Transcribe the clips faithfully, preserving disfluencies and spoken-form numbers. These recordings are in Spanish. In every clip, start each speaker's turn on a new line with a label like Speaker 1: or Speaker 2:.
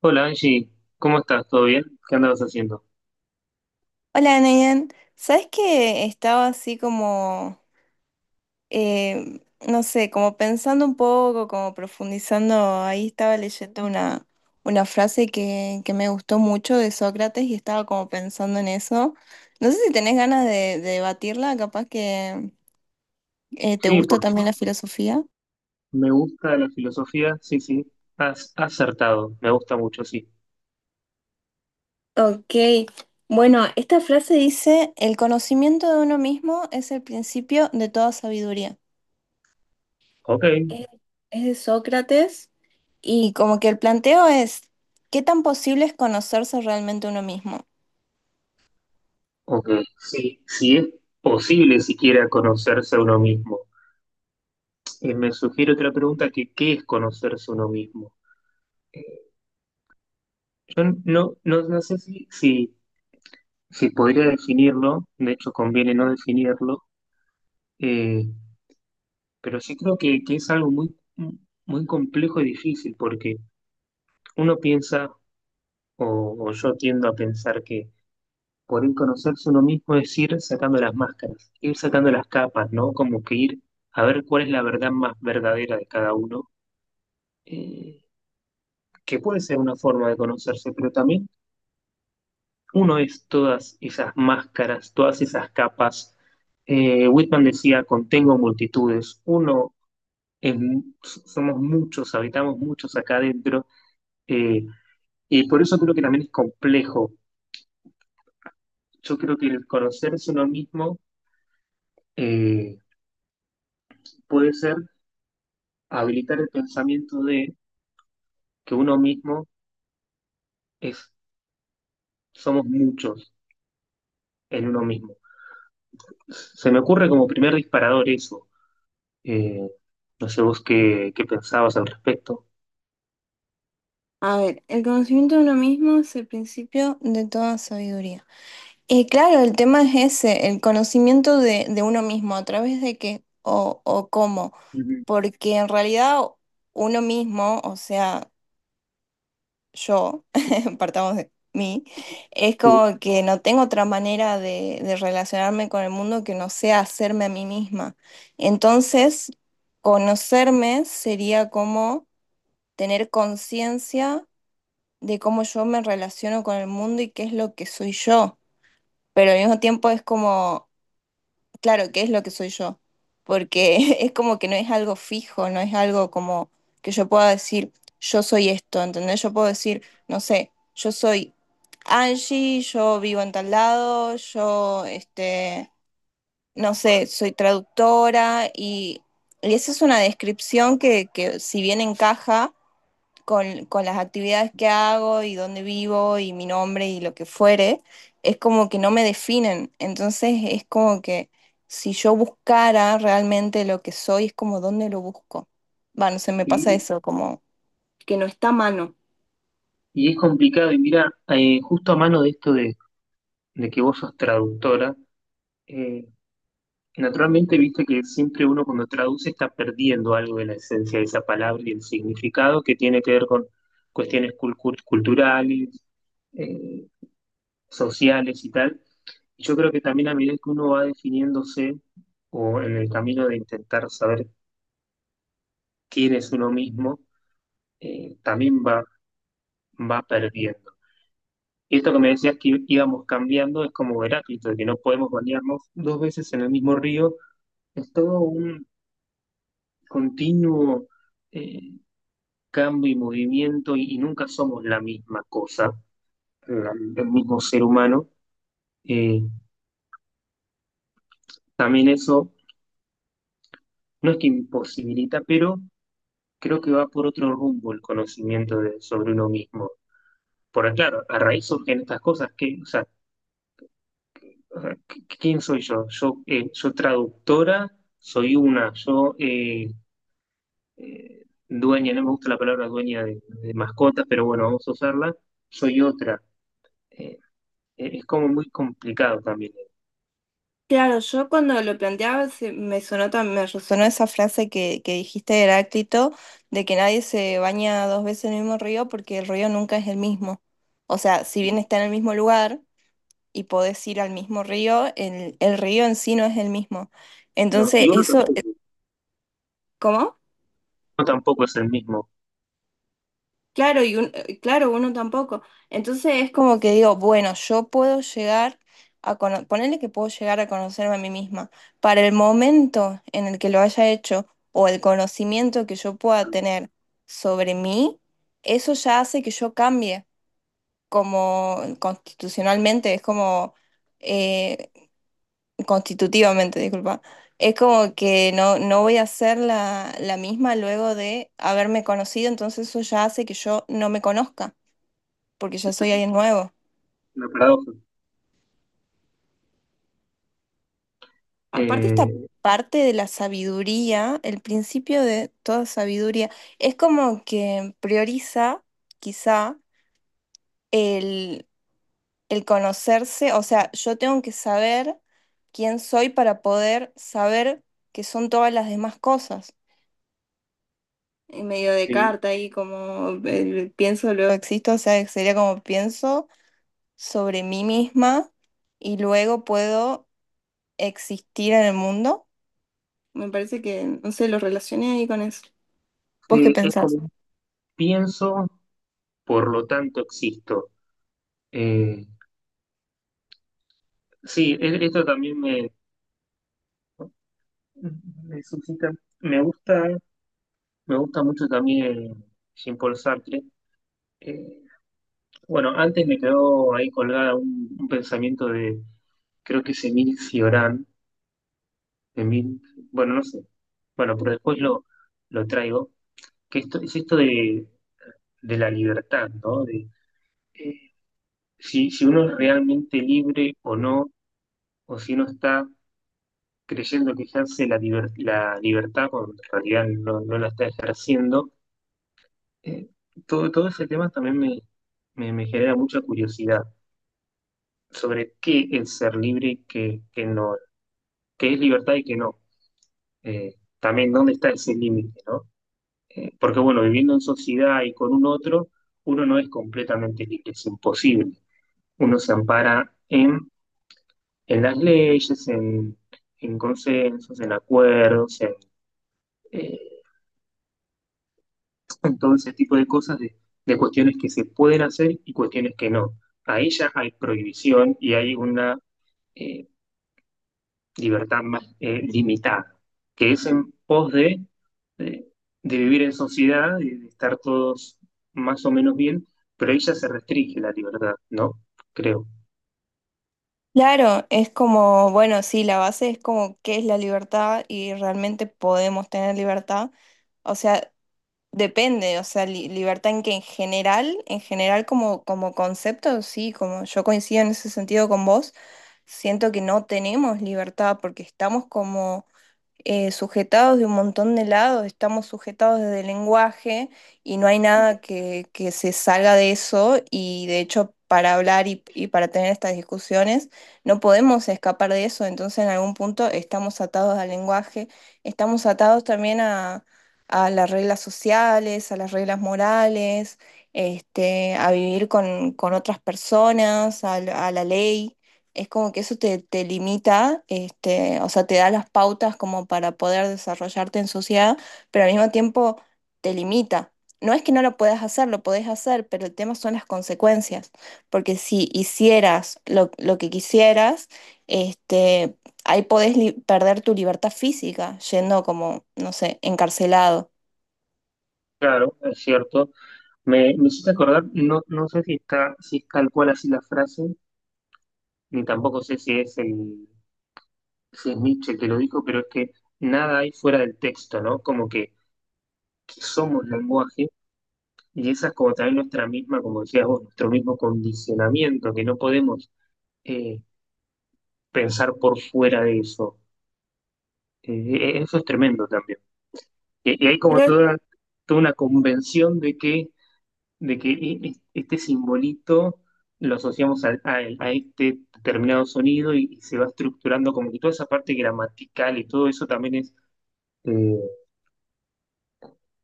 Speaker 1: Hola Angie, ¿cómo estás? ¿Todo bien? ¿Qué andabas haciendo?
Speaker 2: Hola, Nayan. ¿Sabes que estaba así como, eh, no sé, como pensando un poco, como profundizando? Ahí estaba leyendo una, una frase que, que me gustó mucho de Sócrates y estaba como pensando en eso. No sé si tenés ganas de, de debatirla, capaz que eh, te
Speaker 1: Sí,
Speaker 2: gusta
Speaker 1: por
Speaker 2: también la
Speaker 1: supuesto.
Speaker 2: filosofía.
Speaker 1: Me gusta la filosofía, sí, sí. Has acertado, me gusta mucho, sí.
Speaker 2: Ok, bueno, esta frase dice, el conocimiento de uno mismo es el principio de toda sabiduría.
Speaker 1: Ok,
Speaker 2: Es, es de Sócrates y como que el planteo es, ¿qué tan posible es conocerse realmente uno mismo?
Speaker 1: ok. Sí, sí es posible siquiera conocerse a uno mismo. Eh, me sugiere otra pregunta, que ¿qué es conocerse a uno mismo? Eh, Yo no, no, No sé si, si, si podría definirlo, de hecho conviene no definirlo. eh, pero sí creo que, que es algo muy, muy complejo y difícil, porque uno piensa, O, o yo tiendo a pensar que por ir conocerse uno mismo es ir sacando las máscaras, ir sacando las capas, ¿no? Como que ir a ver cuál es la verdad más verdadera de cada uno, eh, que puede ser una forma de conocerse, pero también uno es todas esas máscaras, todas esas capas. Eh, Whitman decía, contengo multitudes, uno es mu- somos muchos, habitamos muchos acá adentro, eh, y por eso creo que también es complejo. Yo creo que el conocerse uno mismo eh, puede ser habilitar el pensamiento de que uno mismo es, somos muchos en uno mismo. Se me ocurre como primer disparador eso. Eh, no sé vos qué, qué pensabas al respecto.
Speaker 2: A ver, el conocimiento de uno mismo es el principio de toda sabiduría. Y claro, el tema es ese, el conocimiento de, de uno mismo, a través de qué o, o cómo,
Speaker 1: Ujú.
Speaker 2: porque en realidad uno mismo, o sea... yo, partamos de mí, es
Speaker 1: Sí.
Speaker 2: como que no tengo otra manera de, de relacionarme con el mundo que no sea hacerme a mí misma. Entonces, conocerme sería como tener conciencia de cómo yo me relaciono con el mundo y qué es lo que soy yo. Pero al mismo tiempo es como claro, ¿qué es lo que soy yo? Porque es como que no es algo fijo, no es algo como que yo pueda decir, yo soy esto, ¿entendés? Yo puedo decir, no sé, yo soy Angie, yo vivo en tal lado, yo, este, no sé, soy traductora y, y esa es una descripción que, que si bien encaja, con, con las actividades que hago y dónde vivo y mi nombre y lo que fuere, es como que no me definen. Entonces es como que si yo buscara realmente lo que soy, es como dónde lo busco. Bueno, se me pasa
Speaker 1: Y,
Speaker 2: eso, como que no está a mano.
Speaker 1: y es complicado, y mira, eh, justo a mano de esto de, de que vos sos traductora. eh, Naturalmente, viste que siempre uno cuando traduce está perdiendo algo de la esencia de esa palabra y el significado que tiene que ver con cuestiones cul- cul- culturales, eh, sociales y tal. Y yo creo que también a medida que uno va definiéndose o en el camino de intentar saber quién es uno mismo, eh, también va, va perdiendo. Y esto que me decías que íbamos cambiando es como Heráclito, de que no podemos bañarnos dos veces en el mismo río. Es todo un continuo eh, cambio y movimiento y, y nunca somos la misma cosa, la- el mismo ser humano. Eh, También eso no es que imposibilita, pero creo que va por otro rumbo el conocimiento de, sobre uno mismo. Porque claro, a raíz surgen estas cosas que, o sea, ¿quién soy yo? Yo, eh, yo traductora, soy una, yo eh, eh, dueña, no me gusta la palabra dueña de, de mascotas, pero bueno, vamos a usarla, soy otra. Eh, eh, es como muy complicado también
Speaker 2: Claro, yo cuando lo planteaba se- me sonó, tam- me resonó esa frase que, que dijiste de Heráclito, de que nadie se baña dos veces en el mismo río porque el río nunca es el mismo. O sea, si bien
Speaker 1: eh,
Speaker 2: está en el mismo lugar, y podés ir al mismo río, el, el río en sí no es el mismo.
Speaker 1: No,
Speaker 2: Entonces,
Speaker 1: y uno
Speaker 2: eso,
Speaker 1: tampoco,
Speaker 2: eh,
Speaker 1: uno
Speaker 2: ¿cómo?
Speaker 1: tampoco es el mismo.
Speaker 2: Claro, y un- eh, claro, uno tampoco. Entonces es como que digo, bueno, yo puedo llegar a conocer, ponerle que puedo llegar a conocerme a mí misma. Para el momento en el que lo haya hecho o el conocimiento que yo pueda tener sobre mí, eso ya hace que yo cambie como constitucionalmente. Es como, eh, constitutivamente, disculpa. Es como que no, no voy a ser la, la misma luego de haberme conocido, entonces eso ya hace que yo no me conozca, porque ya soy alguien nuevo.
Speaker 1: Una paradoja.
Speaker 2: Aparte esta
Speaker 1: Eh,
Speaker 2: parte de la sabiduría, el principio de toda sabiduría, es como que prioriza quizá el, el conocerse, o sea, yo tengo que saber quién soy para poder saber qué son todas las demás cosas. En medio de
Speaker 1: eh,
Speaker 2: carta y como el pienso, luego existo, o sea, sería como pienso sobre mí misma y luego puedo existir en el mundo. Me parece que, no sé, lo relacioné ahí con eso. ¿Vos qué
Speaker 1: sí, es
Speaker 2: pensás?
Speaker 1: como pienso, por lo tanto existo. Eh, sí, e- esto también me, me suscita. Me gusta, Me gusta mucho también Jean-Paul Sartre. Eh, bueno, antes me quedó ahí colgada un, un pensamiento de, creo que es Emile Cioran, Emile- bueno, no sé. Bueno, pero después lo, lo traigo. Que esto, es esto de de la libertad, ¿no? De, eh, si, si uno es realmente libre o no, o si uno está creyendo que ejerce la, liber- la libertad cuando en realidad no, no la está ejerciendo. eh, todo, Todo ese tema también me, me, me genera mucha curiosidad sobre qué es ser libre y qué, qué no, qué es libertad y qué no. Eh, También dónde está ese límite, ¿no? Eh, porque bueno, viviendo en sociedad y con un otro, uno no es completamente libre, es imposible. Uno se ampara en en las leyes, en, en consensos, en acuerdos, en, eh, en todo ese tipo de cosas, de, de cuestiones que se pueden hacer y cuestiones que no. Ahí ya hay prohibición y hay una eh, libertad más eh, limitada, que es en pos de, de, de vivir en sociedad, y de estar todos más o menos bien, pero ahí ya se restringe la libertad, ¿no? Creo.
Speaker 2: Claro, es como, bueno, sí, la base es como qué es la libertad y realmente podemos tener libertad. O sea, depende, o sea, li- libertad en que en general, en general como, como concepto, sí, como yo coincido en ese sentido con vos, siento que no tenemos libertad porque estamos como eh, sujetados de un montón de lados, estamos sujetados desde el lenguaje y no hay
Speaker 1: Ujú.
Speaker 2: nada que, que se salga de eso y de hecho para hablar y, y para tener estas discusiones no podemos escapar de eso, entonces en algún punto estamos atados al lenguaje, estamos atados también a, a las reglas sociales, a las reglas morales, este, a vivir con, con otras personas, a la a la ley. Es como que eso te, te limita, este, o sea, te da las pautas como para poder desarrollarte en sociedad, pero al mismo tiempo te limita. No es que no lo puedas hacer, lo podés hacer, pero el tema son las consecuencias, porque si hicieras lo, lo que quisieras, este, ahí podés li- perder tu libertad física, yendo como, no sé, encarcelado.
Speaker 1: Claro, es cierto. Me, me hiciste acordar, no, no sé si está, si es tal cual así la frase, ni tampoco sé si es, el, si es Nietzsche el que lo dijo, pero es que nada hay fuera del texto, ¿no? Como que, que somos lenguaje y esa es como también nuestra misma, como decías vos, nuestro mismo condicionamiento, que no podemos eh, pensar por fuera de eso. Eh, e- e, eso es tremendo también. Y, y hay como
Speaker 2: Creo,
Speaker 1: toda, toda una convención de que de que e- e- este simbolito lo asociamos al- a, a este determinado sonido y, y se va estructurando como que toda esa parte gramatical y todo eso también es, eh,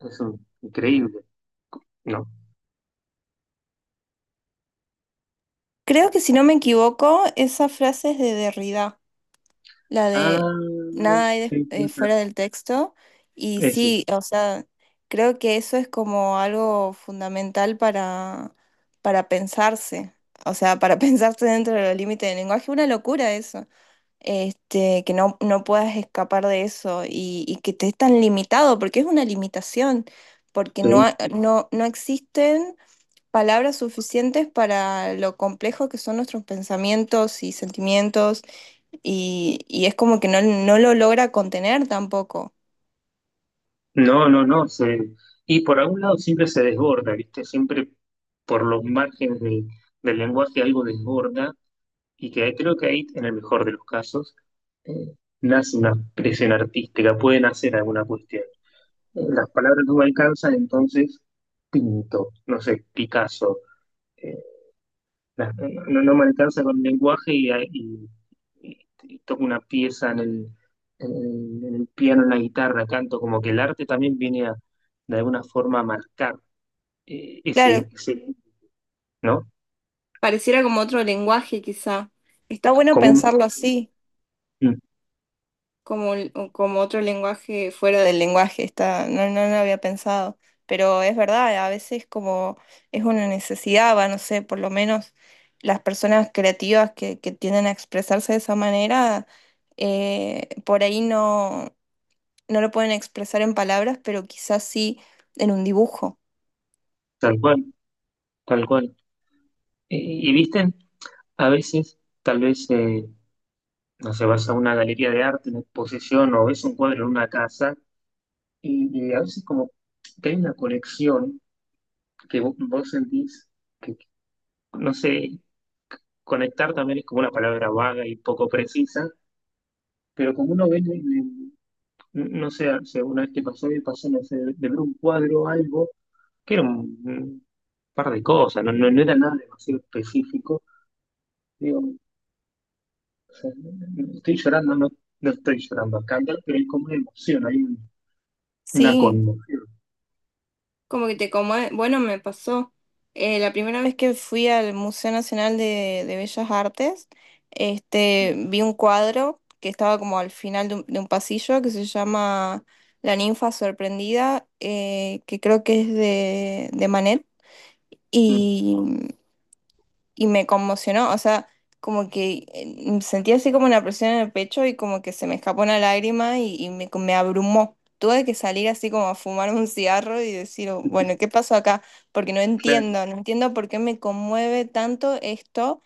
Speaker 1: es un- increíble, ¿no?
Speaker 2: Creo que si no me equivoco, esa frase es de Derrida. La
Speaker 1: Ah,
Speaker 2: de nada hay des-
Speaker 1: sí, sí,
Speaker 2: eh, fuera del texto. Y
Speaker 1: eso,
Speaker 2: sí, o sea, creo que eso es como algo fundamental para, para pensarse. O sea, para pensarse dentro de los límites del lenguaje. Una locura eso. Este, que no, no puedas escapar de eso y, y que te es tan limitado, porque es una limitación, porque no, ha-
Speaker 1: sí.
Speaker 2: no, no existen palabras suficientes para lo complejo que son nuestros pensamientos y sentimientos y, y es como que no, no lo logra contener tampoco.
Speaker 1: No, no, no, se- y por algún lado siempre se desborda, ¿viste? Siempre por los márgenes del, del lenguaje algo desborda y que creo que ahí, en el mejor de los casos, eh, nace una expresión artística, pueden hacer alguna cuestión. Las palabras no me alcanzan, entonces pinto, no sé, Picasso. Eh, la- no, no me alcanza con el lenguaje y, y- y- y toco una pieza en el, en el- en el piano, en la guitarra, canto, como que el arte también viene a, de alguna forma a marcar eh, ese,
Speaker 2: Claro,
Speaker 1: ese, ¿no?
Speaker 2: pareciera como otro lenguaje quizá. Está bueno
Speaker 1: Como un-
Speaker 2: pensarlo así,
Speaker 1: mm,
Speaker 2: como, el- como otro lenguaje fuera del lenguaje. Está, no, no lo había pensado, pero es verdad, a veces como es una necesidad, va, no sé, por lo menos las personas creativas que, que tienden a expresarse de esa manera, eh, por ahí no, no lo pueden expresar en palabras, pero quizás sí en un dibujo.
Speaker 1: tal cual, tal cual. Y, y visten, a veces, tal vez, eh, no sé, vas a una galería de arte, una exposición, o ves un cuadro en una casa. Y, y a veces como que hay una conexión que vo- vos sentís que, no sé, conectar también es como una palabra vaga y poco precisa, pero como uno ve, en el- no sé, o sea, una vez que pasó y pasó, no sé, de de ver un cuadro o algo, que era un, un par de cosas, no, no, no era nada demasiado específico, digo, o sea, no, no estoy llorando, no, no estoy llorando acá, pero hay como una emoción, hay un- una
Speaker 2: Sí.
Speaker 1: conmoción.
Speaker 2: Como que te conmue- bueno, me pasó. eh, la primera vez que fui al Museo Nacional de, de Bellas Artes, este, vi un cuadro que estaba como al final de un, de un pasillo que se llama La ninfa sorprendida, eh, que creo que es de, de Manet
Speaker 1: Mm.
Speaker 2: y me conmocionó, o sea, como que eh, sentí así como una presión en el pecho y como que se me escapó una lágrima y, y me, me abrumó. Tuve que salir así como a fumar un cigarro y decir, "Oh, bueno, ¿qué pasó acá? Porque no
Speaker 1: Claro,
Speaker 2: entiendo, no entiendo por qué me conmueve tanto esto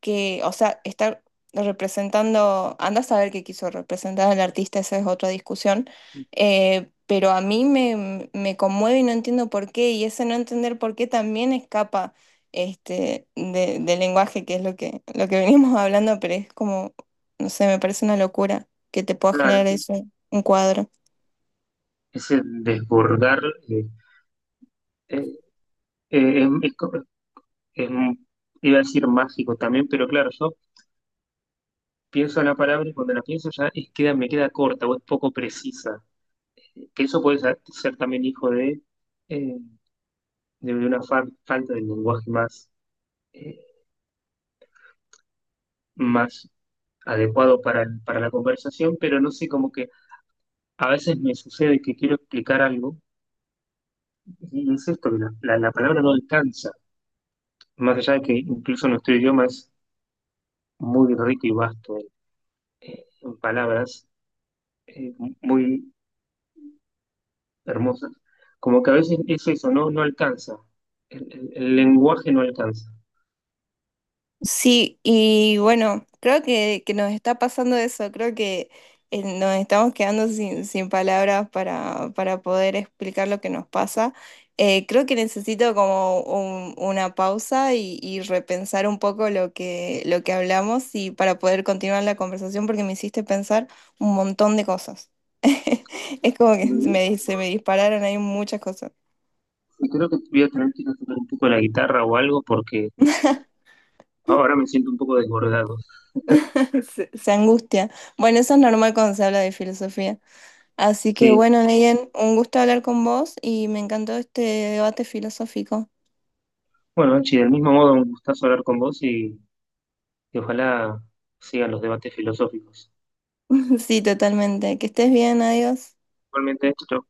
Speaker 2: que, o sea, está representando, anda a saber qué quiso representar al artista, esa es otra discusión, eh, pero a mí me, me conmueve y no entiendo por qué, y ese no entender por qué también escapa este, de- del lenguaje, que es lo que, lo que venimos hablando, pero es como, no sé, me parece una locura que te pueda generar
Speaker 1: claro.
Speaker 2: eso, un cuadro.
Speaker 1: Ese desbordar eh, eh, eh, em, es, co- es, iba a decir mágico también, pero claro, yo pienso en la palabra y cuando la pienso ya es queda, me queda corta o es poco precisa. Que eso puede ser, ser también hijo de, eh, de una fa- falta de lenguaje más, eh, más adecuado para, para la conversación, pero no sé, como que a veces me sucede que quiero explicar algo y es esto, que la, la la palabra no alcanza, más allá de que incluso nuestro idioma es muy rico y vasto en palabras eh, muy hermosas, como que a veces es eso, ¿no? No alcanza, el, el- el lenguaje no alcanza.
Speaker 2: Sí, y bueno, creo que, que nos está pasando eso, creo que eh, nos estamos quedando sin, sin palabras para, para poder explicar lo que nos pasa. Eh, creo que necesito como un- una pausa y, y repensar un poco lo que, lo que hablamos y para poder continuar la conversación porque me hiciste pensar un montón de cosas. Es como que
Speaker 1: Mm,
Speaker 2: me, di- se me dispararon ahí muchas cosas.
Speaker 1: Y creo que voy a tener que ir a tocar un poco la guitarra o algo porque ahora me siento un poco desbordado.
Speaker 2: Se, se angustia. Bueno, eso es normal cuando se habla de filosofía. Así que
Speaker 1: Sí,
Speaker 2: bueno, Neyen, un gusto hablar con vos y me encantó este debate filosófico.
Speaker 1: bueno, Anchi, del mismo modo, un gustazo hablar con vos y, y ojalá sigan los debates filosóficos.
Speaker 2: Sí, totalmente. Que estés bien, adiós.
Speaker 1: Igualmente, chau.